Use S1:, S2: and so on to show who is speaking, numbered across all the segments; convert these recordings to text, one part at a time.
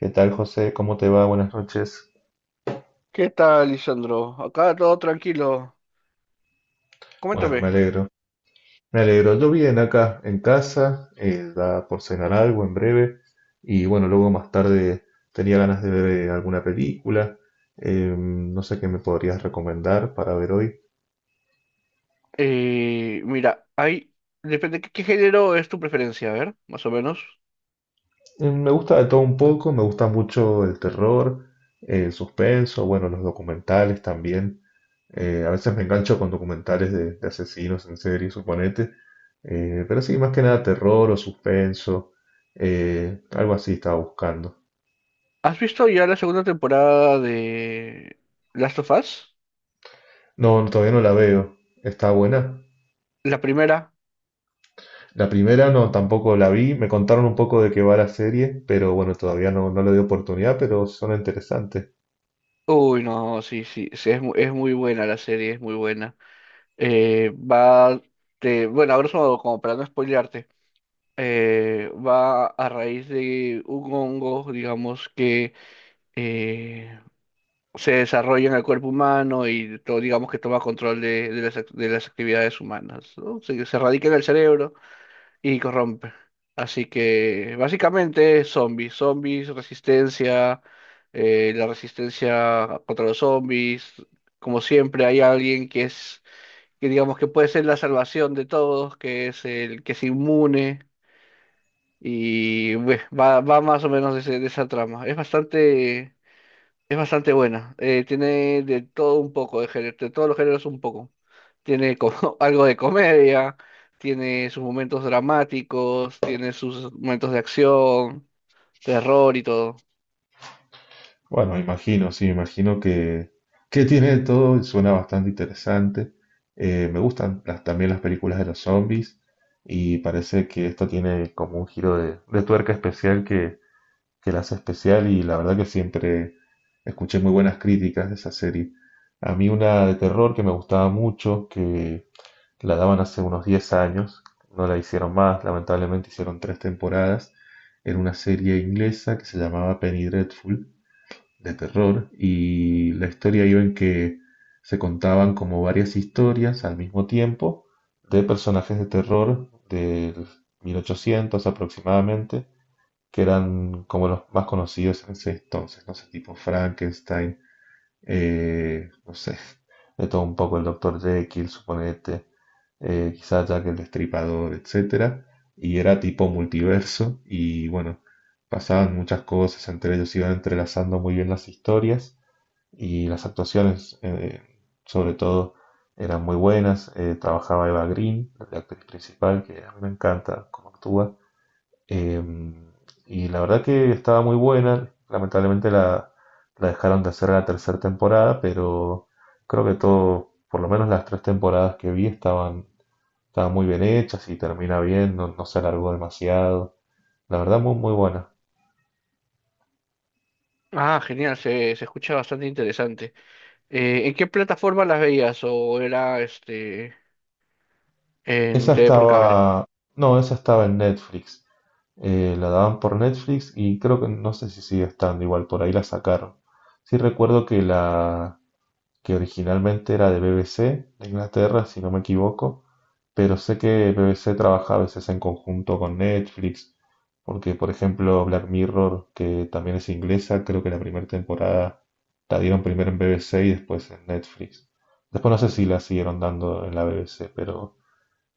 S1: ¿Qué tal, José? ¿Cómo te va? Buenas noches.
S2: ¿Qué tal, Lisandro? Acá todo tranquilo.
S1: Bueno,
S2: Coméntame.
S1: me alegro. Me alegro. Yo bien acá en casa, da por cenar algo en breve. Y bueno, luego más tarde tenía ganas de ver alguna película. No sé qué me podrías recomendar para ver hoy.
S2: Mira, hay... Depende, ¿qué género es tu preferencia? A ver, más o menos.
S1: Me gusta de todo un poco, me gusta mucho el terror, el suspenso, bueno, los documentales también. A veces me engancho con documentales de asesinos en serie, suponete. Pero sí, más que nada terror o suspenso. Algo así estaba buscando.
S2: ¿Has visto ya la segunda temporada de Last of Us?
S1: No, no, todavía no la veo. Está buena.
S2: ¿La primera?
S1: La primera no, tampoco la vi. Me contaron un poco de qué va la serie, pero bueno, todavía no, no le di oportunidad, pero suena interesante.
S2: Uy, no, sí, sí, sí, es, es muy buena la serie, es muy buena. Va... De, bueno, ahora modo, como para no spoilearte. Va a raíz de un hongo, digamos, que... eh, se desarrolla en el cuerpo humano y todo, digamos que toma control de las, de las actividades humanas, ¿no? Se radica en el cerebro y corrompe. Así que básicamente zombies, zombies, resistencia, la resistencia contra los zombies. Como siempre hay alguien que es, que digamos que puede ser la salvación de todos, que es el que es inmune y va más o menos de, de esa trama. Es bastante buena. Tiene de todo un poco, de, de todos los géneros un poco. Tiene como, algo de comedia, tiene sus momentos dramáticos, tiene sus momentos de acción, terror y todo.
S1: Bueno, imagino, sí, imagino que tiene de todo y suena bastante interesante. Me gustan las- también las películas de los zombies y parece que esta tiene como un giro de tuerca especial que la hace especial y la verdad que siempre escuché muy buenas críticas de esa serie. A mí una de terror que me gustaba mucho, que la daban hace unos 10 años, no la hicieron más, lamentablemente hicieron tres temporadas, era una serie inglesa que se llamaba Penny Dreadful de terror y la historia iba en que se contaban como varias historias al mismo tiempo de personajes de terror del 1800 aproximadamente, que eran como los más conocidos en ese entonces, no sé, tipo Frankenstein, no sé, de todo un poco el doctor Jekyll, suponete, quizás Jack el Destripador, etcétera, y era tipo multiverso y bueno, pasaban muchas cosas, entre ellos iban entrelazando muy bien las historias y las actuaciones, sobre todo, eran muy buenas. Trabajaba Eva Green, la actriz principal, que a mí me encanta cómo actúa. Eh, y la verdad que estaba muy buena. Lamentablemente la, la dejaron de hacer en la tercera temporada, pero creo que todo, por lo menos las tres temporadas que vi, estaban, estaban muy bien hechas y termina bien, no, no se alargó demasiado. La verdad, muy, muy buena.
S2: Ah, genial, se escucha bastante interesante. ¿En qué plataforma las veías o era este en
S1: Esa
S2: TV por cable?
S1: estaba, no, esa estaba en Netflix. La daban por Netflix y creo que no sé si sigue estando igual, por ahí la sacaron. Sí recuerdo que la que originalmente era de BBC de Inglaterra, si no me equivoco, pero sé que BBC trabaja a veces en conjunto con Netflix, porque por ejemplo Black Mirror, que también es inglesa, creo que la primera temporada la dieron primero en BBC y después en Netflix. Después no sé si la siguieron dando en la BBC, pero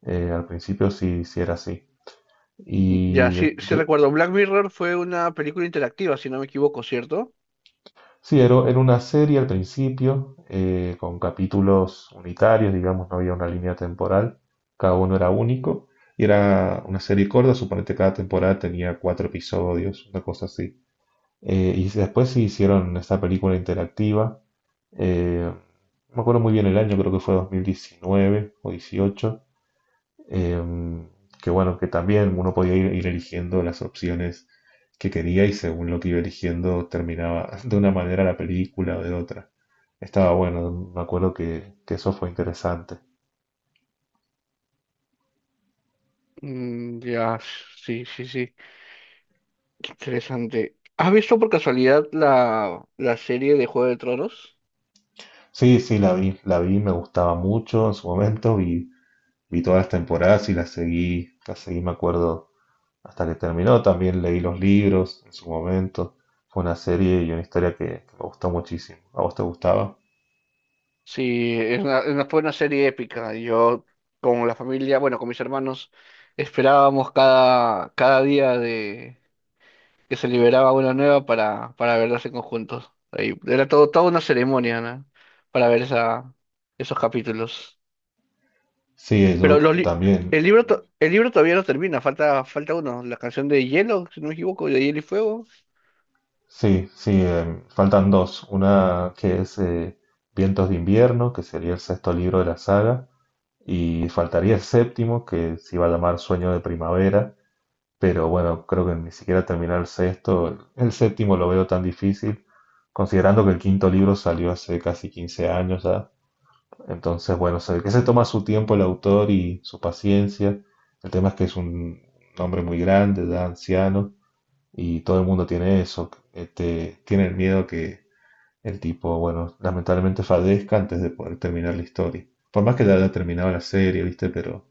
S1: al principio sí, sí era así.
S2: Ya,
S1: Y de-
S2: sí, sí
S1: de-
S2: recuerdo. Black Mirror fue una película interactiva, si no me equivoco, ¿cierto?
S1: sí, era, era una serie al principio, con capítulos unitarios, digamos, no había una línea temporal, cada uno era único, y era una serie corta, suponete cada temporada tenía cuatro episodios, una cosa así. Y después sí hicieron esta película interactiva, eh, no me acuerdo muy bien el año, creo que fue 2019 o 18. Em, que bueno, que también uno podía ir, ir eligiendo las opciones que quería y según lo que iba eligiendo terminaba de una manera la película o de otra. Estaba bueno, me acuerdo que eso fue interesante.
S2: Mm, ya, sí, sí, sí. Interesante. ¿Has visto por casualidad la, la serie de Juego de Tronos?
S1: Sí, sí, la vi, me gustaba mucho en su momento, vi, vi todas las temporadas y las seguí, me acuerdo, hasta que terminó. También leí los libros en su momento. Fue una serie y una historia que me gustó muchísimo. ¿A vos te gustaba?
S2: Sí, es una, fue una serie épica. Yo con la familia, bueno, con mis hermanos, esperábamos cada, cada día de que se liberaba una nueva para verlas en conjuntos. Ahí, era todo, toda una ceremonia, ¿no? Para ver esa, esos capítulos.
S1: Sí,
S2: Pero
S1: yo
S2: los li-
S1: también.
S2: el libro, to- el libro todavía no termina, falta, falta uno, la canción de Hielo, si no me equivoco, de Hielo y Fuego.
S1: Sí, sí, em, faltan dos. Una que es Vientos de invierno, que sería el sexto libro de la saga, y faltaría el séptimo, que se iba a llamar Sueño de primavera, pero bueno, creo que ni siquiera terminar el sexto, el séptimo lo veo tan difícil, considerando que el quinto libro salió hace casi 15 años ya. Entonces, bueno, se ve que se toma su tiempo el autor y su paciencia. El tema es que es un hombre muy grande, ya anciano y todo el mundo tiene eso, este, tiene el miedo que el tipo, bueno, lamentablemente fallezca antes de poder terminar la historia. Por más que ya haya terminado la serie, ¿viste? Pero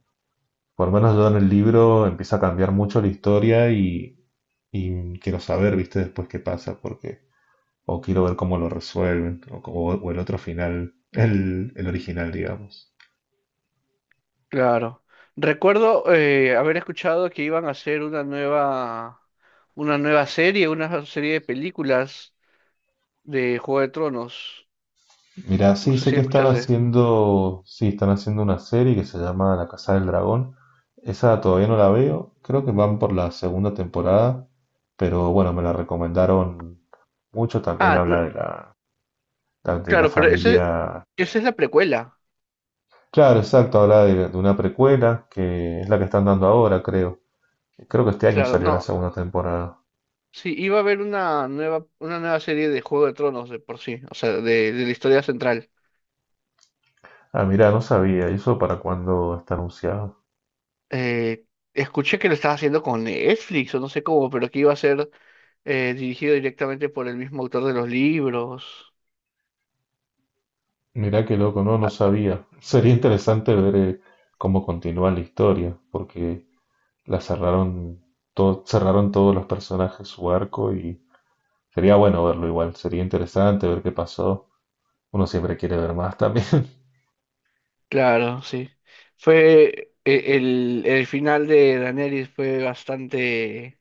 S1: por lo menos yo en el libro empieza a cambiar mucho la historia y quiero saber, ¿viste? Después qué pasa, porque o quiero ver cómo lo resuelven, o el otro final, el original, digamos.
S2: Claro. Recuerdo haber escuchado que iban a hacer una nueva serie, una serie de películas de Juego de Tronos.
S1: Mira,
S2: No
S1: sí,
S2: sé
S1: sé
S2: si
S1: que están
S2: escuchaste.
S1: haciendo, sí, están haciendo una serie que se llama La Casa del Dragón. Esa todavía no la veo, creo que van por la segunda temporada, pero bueno, me la recomendaron mucho. También
S2: Ah,
S1: habla
S2: no,
S1: de la
S2: claro, pero ese,
S1: familia.
S2: esa es la precuela.
S1: Claro, exacto, habla de una precuela que es la que están dando ahora, creo. Creo que este año
S2: Claro,
S1: salió la
S2: no.
S1: segunda temporada.
S2: Sí, iba a haber una nueva serie de Juego de Tronos de por sí, o sea, de la historia central.
S1: Ah, mira, no sabía, ¿y eso para cuándo está anunciado?
S2: Eh, Escuché que lo estaba haciendo con Netflix o no sé cómo, pero que iba a ser dirigido directamente por el mismo autor de los libros.
S1: Mirá qué loco, no, no sabía. Sería interesante ver cómo continúa la historia, porque la cerraron, todo, cerraron todos los personajes su arco y sería bueno verlo igual, sería interesante ver qué pasó. Uno siempre quiere ver más también.
S2: Claro, sí. El final de Daenerys fue bastante,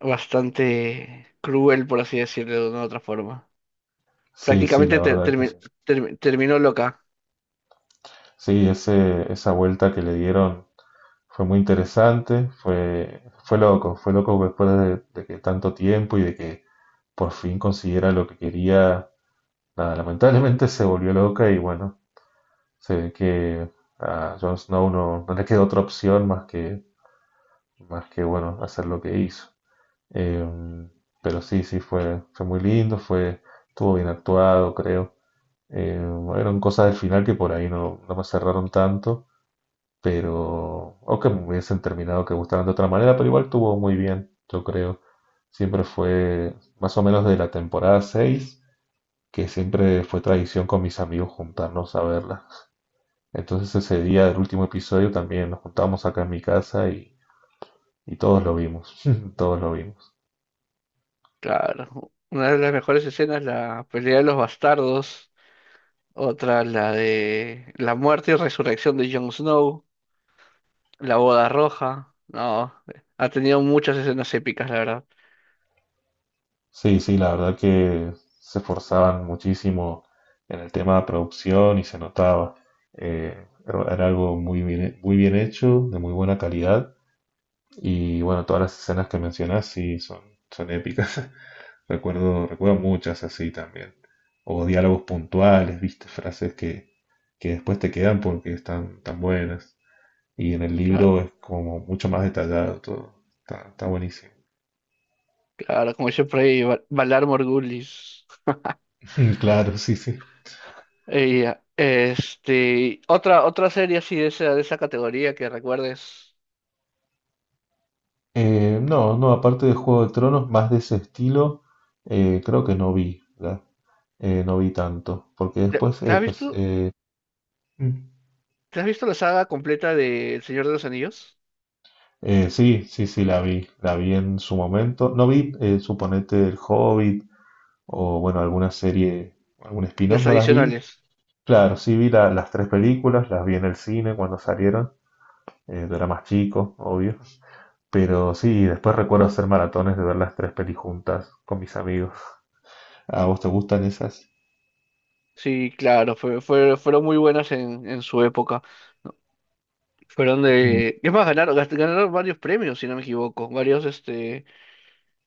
S2: bastante cruel, por así decirlo, de una u otra forma.
S1: Sí, sí,
S2: Prácticamente
S1: la verdad que
S2: terminó loca.
S1: sí, ese, esa vuelta que le dieron fue muy interesante, fue, fue loco después de que tanto tiempo y de que por fin consiguiera lo que quería. Nada, lamentablemente se volvió loca y bueno. Sí, que a Jon Snow no, no le quedó otra opción más que bueno, hacer lo que hizo. Em, pero sí, sí, fue, fue muy lindo, fue, estuvo bien actuado, creo. Eran cosas del final que por ahí no, no me cerraron tanto, pero, o que me hubiesen terminado que gustaran de otra manera, pero igual estuvo muy bien, yo creo. Siempre fue más o menos de la temporada 6 que siempre fue tradición con mis amigos juntarnos a verla. Entonces ese día del último episodio también nos juntamos acá en mi casa y todos lo vimos, todos lo vimos.
S2: Claro. Una de las mejores escenas, la pelea de los bastardos. Otra, la de la muerte y resurrección de Jon Snow. La boda roja. No, ha tenido muchas escenas épicas, la verdad.
S1: Sí, sí, la verdad que se esforzaban muchísimo en el tema de producción y se notaba. Era algo muy bien hecho, de muy buena calidad y bueno, todas las escenas que mencionas sí son, son épicas. Recuerdo, recuerdo muchas así también. O diálogos puntuales, viste, frases que después te quedan porque están tan buenas. Y en el
S2: Claro,
S1: libro es como mucho más detallado todo. Está, está buenísimo.
S2: claro, como dice por ahí, Valar Morgulis.
S1: Claro, sí, sí.
S2: Y este, otra, otra serie así de esa categoría que recuerdes.
S1: No, no, aparte de Juego de Tronos, más de ese estilo, creo que no vi, ¿verdad? No vi tanto, porque
S2: ¿Te,
S1: después,
S2: te has
S1: pues,
S2: visto,
S1: mm,
S2: ¿te has visto la saga completa de El Señor de los Anillos?
S1: sí, sí, sí, la vi en su momento. No vi, suponete, El Hobbit o, bueno, alguna serie, algún spin-off,
S2: Las
S1: no las vi.
S2: adicionales.
S1: Claro,
S2: Ajá.
S1: sí vi la- las tres películas, las vi en el cine cuando salieron, yo era más chico, obvio. Pero sí, después recuerdo hacer maratones de ver las tres pelis juntas con mis amigos. ¿A vos te gustan esas?
S2: Sí, claro, fueron muy buenas en su época. Fueron
S1: Mm.
S2: de... Es más, ganaron varios premios, si no me equivoco. Varios, este,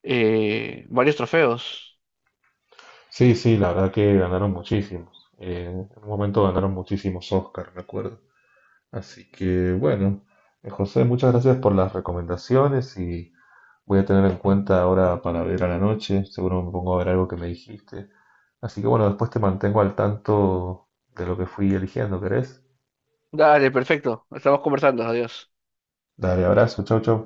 S2: varios trofeos.
S1: Sí, sí, la verdad que ganaron muchísimos. En un momento ganaron muchísimos Oscar, me acuerdo. Así que bueno, José, muchas gracias por las recomendaciones y voy a tener en cuenta ahora para ver a la noche. Seguro me pongo a ver algo que me dijiste. Así que bueno, después te mantengo al tanto de lo que fui eligiendo, ¿querés?
S2: Dale, perfecto. Estamos conversando. Adiós.
S1: Dale, abrazo, chau, chau.